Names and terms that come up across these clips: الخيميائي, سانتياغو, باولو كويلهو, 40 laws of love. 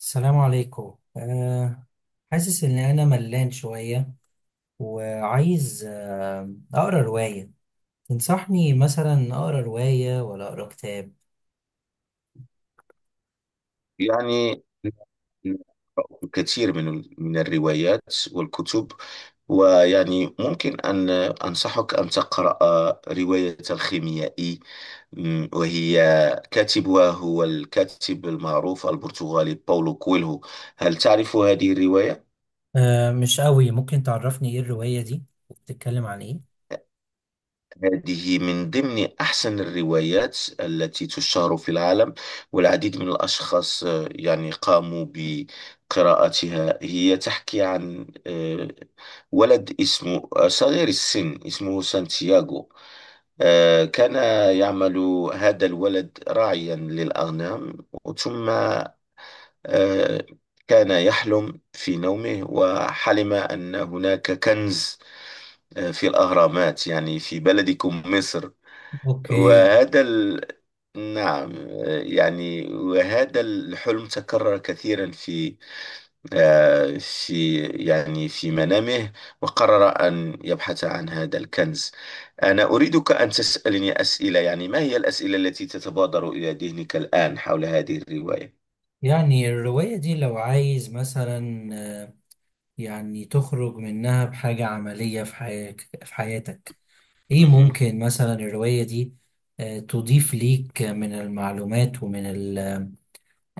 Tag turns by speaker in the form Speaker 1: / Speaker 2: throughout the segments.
Speaker 1: السلام عليكم حاسس إن أنا ملان شوية، وعايز أقرأ رواية. تنصحني مثلا أقرأ رواية ولا أقرأ كتاب؟
Speaker 2: يعني قرأت الكثير من الروايات والكتب، ويعني ممكن أن أنصحك أن تقرأ رواية الخيميائي. وهي كاتبها هو الكاتب المعروف البرتغالي باولو كويلهو. هل تعرف هذه الرواية؟
Speaker 1: أه، مش قوي. ممكن تعرفني إيه الرواية دي؟ بتتكلم عن إيه؟
Speaker 2: هذه من ضمن أحسن الروايات التي تشتهر في العالم، والعديد من الأشخاص يعني قاموا بقراءتها. هي تحكي عن ولد اسمه، صغير السن، اسمه سانتياغو. كان يعمل هذا الولد راعيا للأغنام. ثم آه، كان يحلم في نومه، وحلم أن هناك كنز في الأهرامات، يعني في بلدكم مصر.
Speaker 1: أوكي.
Speaker 2: وهذا ال... نعم. يعني وهذا الحلم تكرر كثيرا في آه، في يعني في منامه، وقرر أن يبحث عن هذا الكنز. أنا أريدك أن تسألني أسئلة، يعني ما هي الأسئلة التي تتبادر إلى ذهنك الآن حول هذه الرواية؟
Speaker 1: يعني الرواية دي لو عايز مثلا آه، يعني تخرج منها بحاجة عملية في حياتك في حياتك. إيه
Speaker 2: مهم.
Speaker 1: ممكن مثلا الرواية دي تضيف ليك من المعلومات، ومن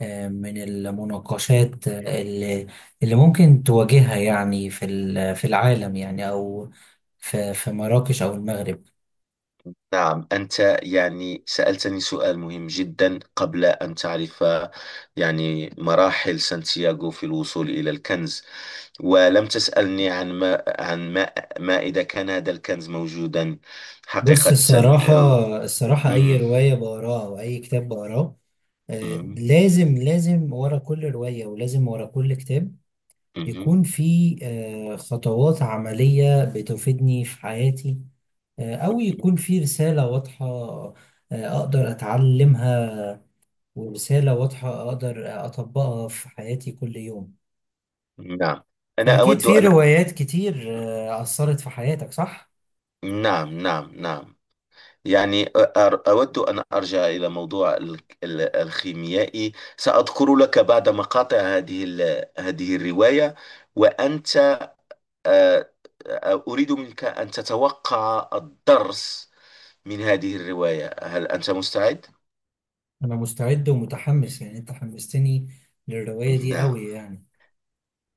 Speaker 1: آه، من المناقشات اللي ممكن تواجهها، يعني في في العالم، يعني او في مراكش او المغرب.
Speaker 2: نعم، أنت يعني سألتني سؤال مهم جدا. قبل أن تعرف يعني مراحل سانتياغو في الوصول إلى الكنز، ولم تسألني عن ما عن ما ما إذا كان هذا الكنز موجودا
Speaker 1: بص،
Speaker 2: حقيقة.
Speaker 1: الصراحة، الصراحة أي
Speaker 2: مهم.
Speaker 1: رواية بقراها أو أي كتاب بقراه،
Speaker 2: مهم.
Speaker 1: لازم، لازم ورا كل رواية، ولازم ورا كل كتاب
Speaker 2: مهم.
Speaker 1: يكون في خطوات عملية بتفيدني في حياتي، أو يكون في رسالة واضحة، أقدر أتعلمها، ورسالة واضحة أقدر أطبقها في حياتي كل يوم.
Speaker 2: نعم. أنا
Speaker 1: فأكيد
Speaker 2: أود
Speaker 1: في
Speaker 2: أن
Speaker 1: روايات كتير أثرت في حياتك، صح؟
Speaker 2: نعم، نعم، نعم، يعني أود أن أرجع إلى موضوع الخيميائي. سأذكر لك بعد مقاطع هذه هذه الرواية، وأنت آه، أريد منك أن تتوقع الدرس من هذه الرواية. هل أنت مستعد؟
Speaker 1: أنا مستعد ومتحمس، يعني أنت حمستني للرواية دي
Speaker 2: نعم.
Speaker 1: أوي يعني.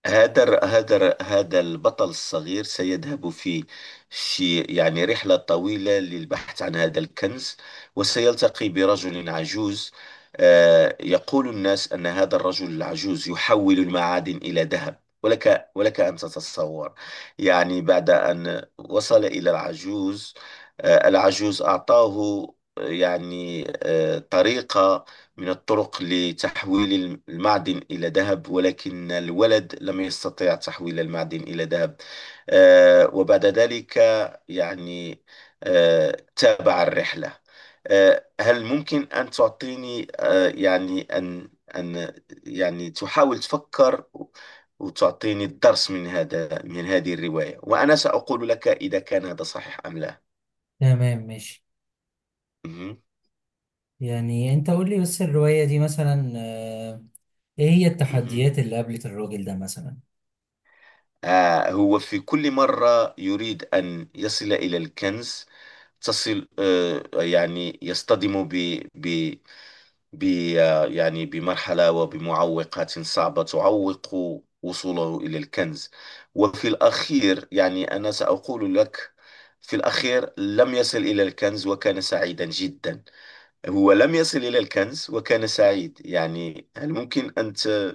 Speaker 2: هذا البطل الصغير سيذهب في رحلة طويلة للبحث عن هذا الكنز، وسيلتقي برجل عجوز. يقول الناس أن هذا الرجل العجوز يحول المعادن إلى ذهب، ولك ولك أن تتصور. يعني بعد أن وصل إلى العجوز، العجوز أعطاه طريقة من الطرق لتحويل المعدن إلى ذهب، ولكن الولد لم يستطع تحويل المعدن إلى ذهب. وبعد ذلك يعني تابع الرحلة. هل ممكن أن تعطيني، يعني أن أن يعني تحاول تفكر وتعطيني الدرس من هذا من هذه الرواية، وأنا سأقول لك إذا كان هذا صحيح أم لا.
Speaker 1: تمام، ماشي.
Speaker 2: مهم.
Speaker 1: يعني أنت قول لي بس، الرواية دي مثلا إيه هي
Speaker 2: مهم.
Speaker 1: التحديات اللي قابلت الراجل ده مثلا؟
Speaker 2: آه، هو في كل مرة يريد أن يصل إلى الكنز تصل آه يعني يصطدم ب ب ب آه يعني بمرحلة وبمعوقات صعبة تعوق وصوله إلى الكنز. وفي الأخير، يعني أنا سأقول لك، في الأخير لم يصل إلى الكنز وكان سعيدا جدا. هو لم يصل إلى الكنز وكان سعيد، يعني هل ممكن أنت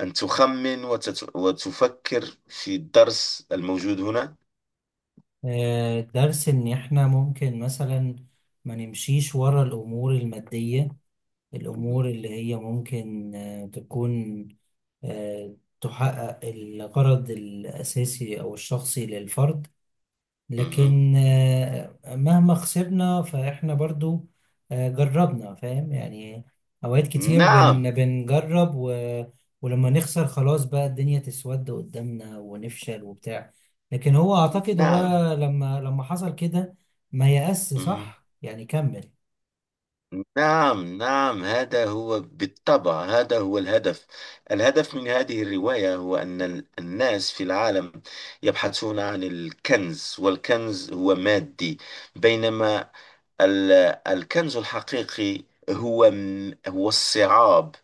Speaker 2: أن تخمن وتفكر في الدرس الموجود هنا؟
Speaker 1: درس إن إحنا ممكن مثلا ما نمشيش ورا الأمور المادية، الأمور اللي هي ممكن تكون آه، تحقق الغرض الأساسي أو الشخصي للفرد.
Speaker 2: مهم.
Speaker 1: لكن مهما خسرنا فإحنا برضو جربنا، فاهم يعني؟ أوقات كتير
Speaker 2: نعم،
Speaker 1: بنجرب ولما نخسر، خلاص بقى الدنيا تسود قدامنا ونفشل وبتاع. لكن هو، أعتقد هو
Speaker 2: نعم.
Speaker 1: لما حصل كده، ما يأس،
Speaker 2: مهم.
Speaker 1: صح، يعني كمل.
Speaker 2: نعم، نعم، هذا هو بالطبع، هذا هو الهدف. الهدف من هذه الرواية هو أن الناس في العالم يبحثون عن الكنز، والكنز هو مادي، بينما ال- الكنز الحقيقي هو الصعاب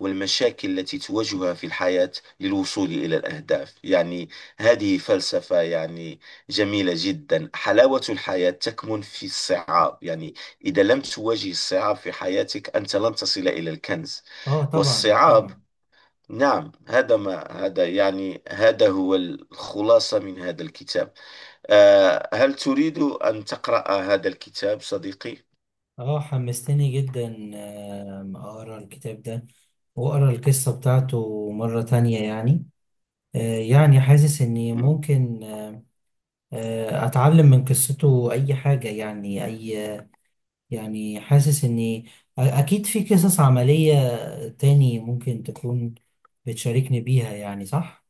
Speaker 2: والمشاكل التي تواجهها في الحياة للوصول إلى الأهداف. يعني هذه فلسفة، يعني جميلة جدا. حلاوة الحياة تكمن في الصعاب، يعني إذا لم تواجه الصعاب في حياتك أنت لن تصل إلى الكنز
Speaker 1: اه، طبعا
Speaker 2: والصعاب.
Speaker 1: طبعا.
Speaker 2: نعم، هذا ما، هذا يعني، هذا هو الخلاصة من هذا الكتاب. هل تريد أن تقرأ هذا الكتاب صديقي؟
Speaker 1: اه، حمستني جدا، اقرا الكتاب ده وأقرأ القصة بتاعته مرة تانية يعني. يعني حاسس إني
Speaker 2: مم.
Speaker 1: ممكن أتعلم من قصته أي حاجة، يعني أي، يعني حاسس إني أكيد في قصص عملية تاني ممكن تكون بتشاركني بيها، يعني صح؟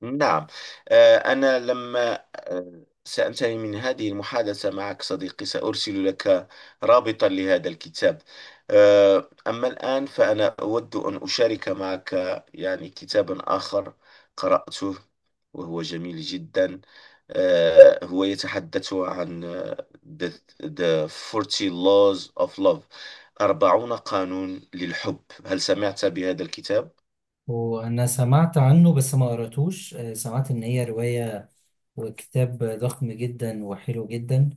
Speaker 2: نعم. أنا لما سأنتهي من هذه المحادثة معك صديقي سأرسل لك رابطا لهذا الكتاب. أما الآن فأنا أود أن أشارك معك يعني كتابا آخر قرأته، وهو جميل جدا. هو يتحدث عن the, the 40 laws of love، 40 قانون للحب. هل سمعت بهذا الكتاب؟
Speaker 1: وأنا سمعت عنه بس ما قرأتوش، سمعت إن هي رواية وكتاب ضخم جدا وحلو جدا.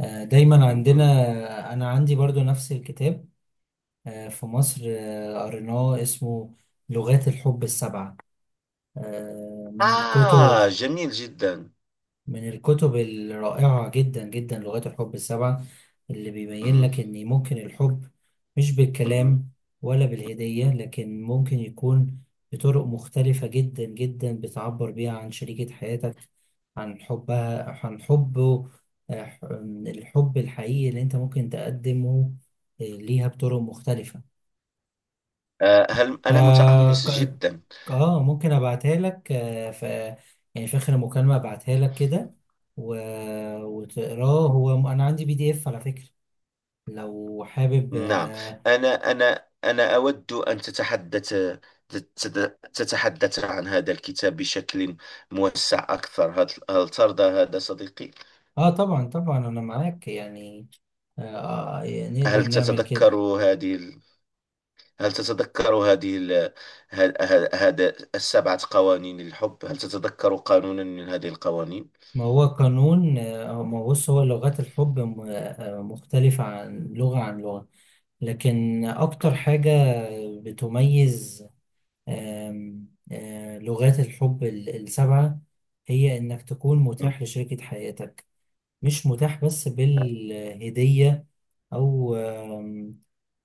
Speaker 1: دايما
Speaker 2: مهم.
Speaker 1: عندنا، أنا عندي برضو نفس الكتاب في مصر، قريناه اسمه لغات الحب السبعة. من الكتب،
Speaker 2: آه، جميل جدا.
Speaker 1: الرائعة جدا جدا، لغات الحب السبعة، اللي بيبين
Speaker 2: مم.
Speaker 1: لك إن ممكن الحب مش
Speaker 2: مم.
Speaker 1: بالكلام ولا بالهدية، لكن ممكن يكون بطرق مختلفة جدا جدا، بتعبر بيها عن شريكة حياتك، عن حبها، عن حبه. آه، الحب الحقيقي اللي انت ممكن تقدمه ليها بطرق مختلفة.
Speaker 2: آه، هل
Speaker 1: ف
Speaker 2: أنا متحمس
Speaker 1: ك-
Speaker 2: جدا.
Speaker 1: اه، ممكن ابعتها لك، آه، ف يعني في اخر المكالمه، ابعتها لك كده، و... وتقراه. هو انا عندي PDF على فكره، لو حابب.
Speaker 2: نعم.
Speaker 1: اه،
Speaker 2: أنا أود أن تتحدث، تتحدث عن هذا الكتاب بشكل موسع أكثر. هل ترضى هذا صديقي؟
Speaker 1: طبعا طبعا، انا معاك يعني. آه يعني نقدر
Speaker 2: هل
Speaker 1: نعمل كده.
Speaker 2: تتذكر هذه ال- هل تتذكر هذه ال- هذا السبعة قوانين للحب؟ هل تتذكر قانونا من هذه القوانين؟
Speaker 1: ما هو قانون آه، آه، ما هو، بص، هو لغات الحب مختلفة عن لغة لكن أكتر
Speaker 2: مم.
Speaker 1: حاجة بتميز، آم، آه، لغات الحب السبعة، هي إنك تكون
Speaker 2: مم.
Speaker 1: متاح لشريكة حياتك. مش متاح بس بالهدية، أو آم،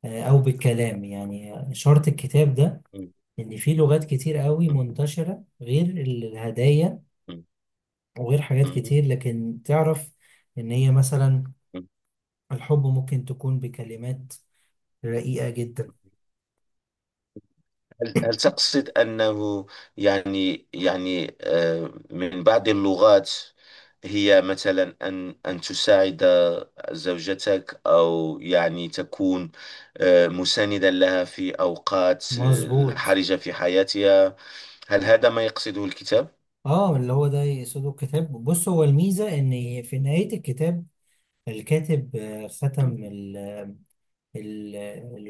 Speaker 1: آه، أو بالكلام، يعني شرط الكتاب ده
Speaker 2: مم.
Speaker 1: إن في لغات كتير قوي منتشرة غير الهدايا
Speaker 2: مم.
Speaker 1: وغير حاجات
Speaker 2: مم.
Speaker 1: كتير، لكن تعرف إن هي مثلا
Speaker 2: مم.
Speaker 1: الحب ممكن تكون بكلمات رقيقة جدا.
Speaker 2: هل تقصد أنه، يعني من بعض اللغات، هي مثلا أن تساعد زوجتك، أو يعني تكون مساندا لها في أوقات
Speaker 1: مظبوط.
Speaker 2: حرجة في حياتها. هل هذا ما يقصده الكتاب؟
Speaker 1: اه، اللي هو ده يقصده الكتاب. بص، هو الميزة إن في نهاية الكتاب، الكاتب ختم
Speaker 2: مم.
Speaker 1: ال-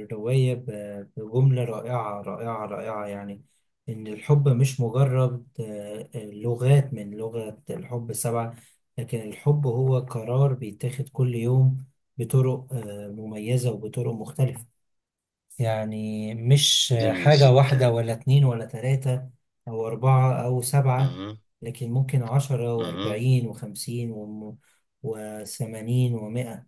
Speaker 1: الرواية بجملة رائعة رائعة رائعة، يعني إن الحب مش مجرد لغات، من لغة الحب سبعة، لكن الحب هو قرار بيتاخد كل يوم بطرق مميزة وبطرق مختلفة. يعني مش
Speaker 2: جميل
Speaker 1: حاجة واحدة
Speaker 2: جدا.
Speaker 1: ولا اتنين ولا تلاتة أو أربعة أو سبعة،
Speaker 2: مم.
Speaker 1: لكن ممكن 10
Speaker 2: مم.
Speaker 1: و40 و50 و80 و100.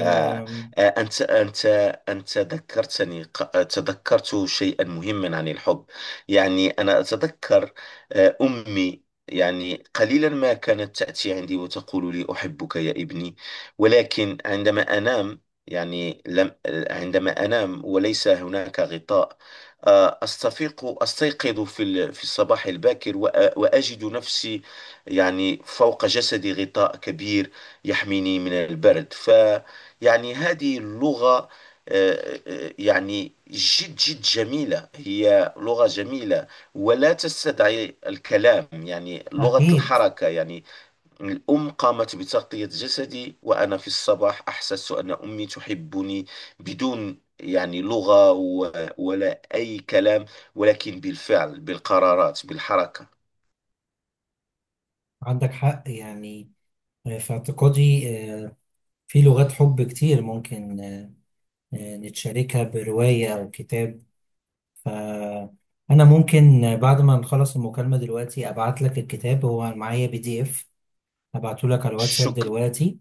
Speaker 2: آه. آه. أنت ذكرتني، تذكرت شيئا مهما عن الحب. يعني أنا أتذكر، أمي يعني قليلا ما كانت تأتي عندي وتقول لي أحبك يا ابني، ولكن عندما أنام يعني لم عندما أنام وليس هناك غطاء، أستفيق أستيقظ في الصباح الباكر، وأجد نفسي، يعني، فوق جسدي غطاء كبير يحميني من البرد. يعني هذه اللغة، يعني جد جد جميلة، هي لغة جميلة ولا تستدعي الكلام، يعني لغة الحركة، يعني الأم قامت بتغطية جسدي، وأنا في الصباح أحسست أن أمي تحبني، بدون يعني لغة ولا أي كلام، ولكن بالفعل، بالقرارات، بالحركة.
Speaker 1: عندك حق يعني. في اعتقادي، في لغات حب كتير، ممكن نتشاركها برواية أو كتاب. فأنا ممكن بعد ما نخلص المكالمة دلوقتي، أبعت لك الكتاب، هو معايا PDF. هبعته لك على الواتساب
Speaker 2: شكر
Speaker 1: دلوقتي،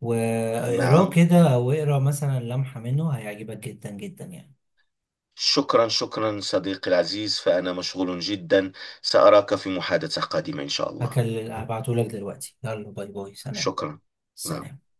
Speaker 1: واقراه
Speaker 2: نعم.
Speaker 1: كده أو اقرا مثلا لمحة منه، هيعجبك جدا جدا يعني.
Speaker 2: شكرا، شكرا صديقي العزيز، فأنا مشغول جدا، سأراك في محادثة قادمة إن شاء الله.
Speaker 1: هبعته لك دلوقتي، يلا، باي باي، سلام
Speaker 2: شكرا. نعم.
Speaker 1: سلام.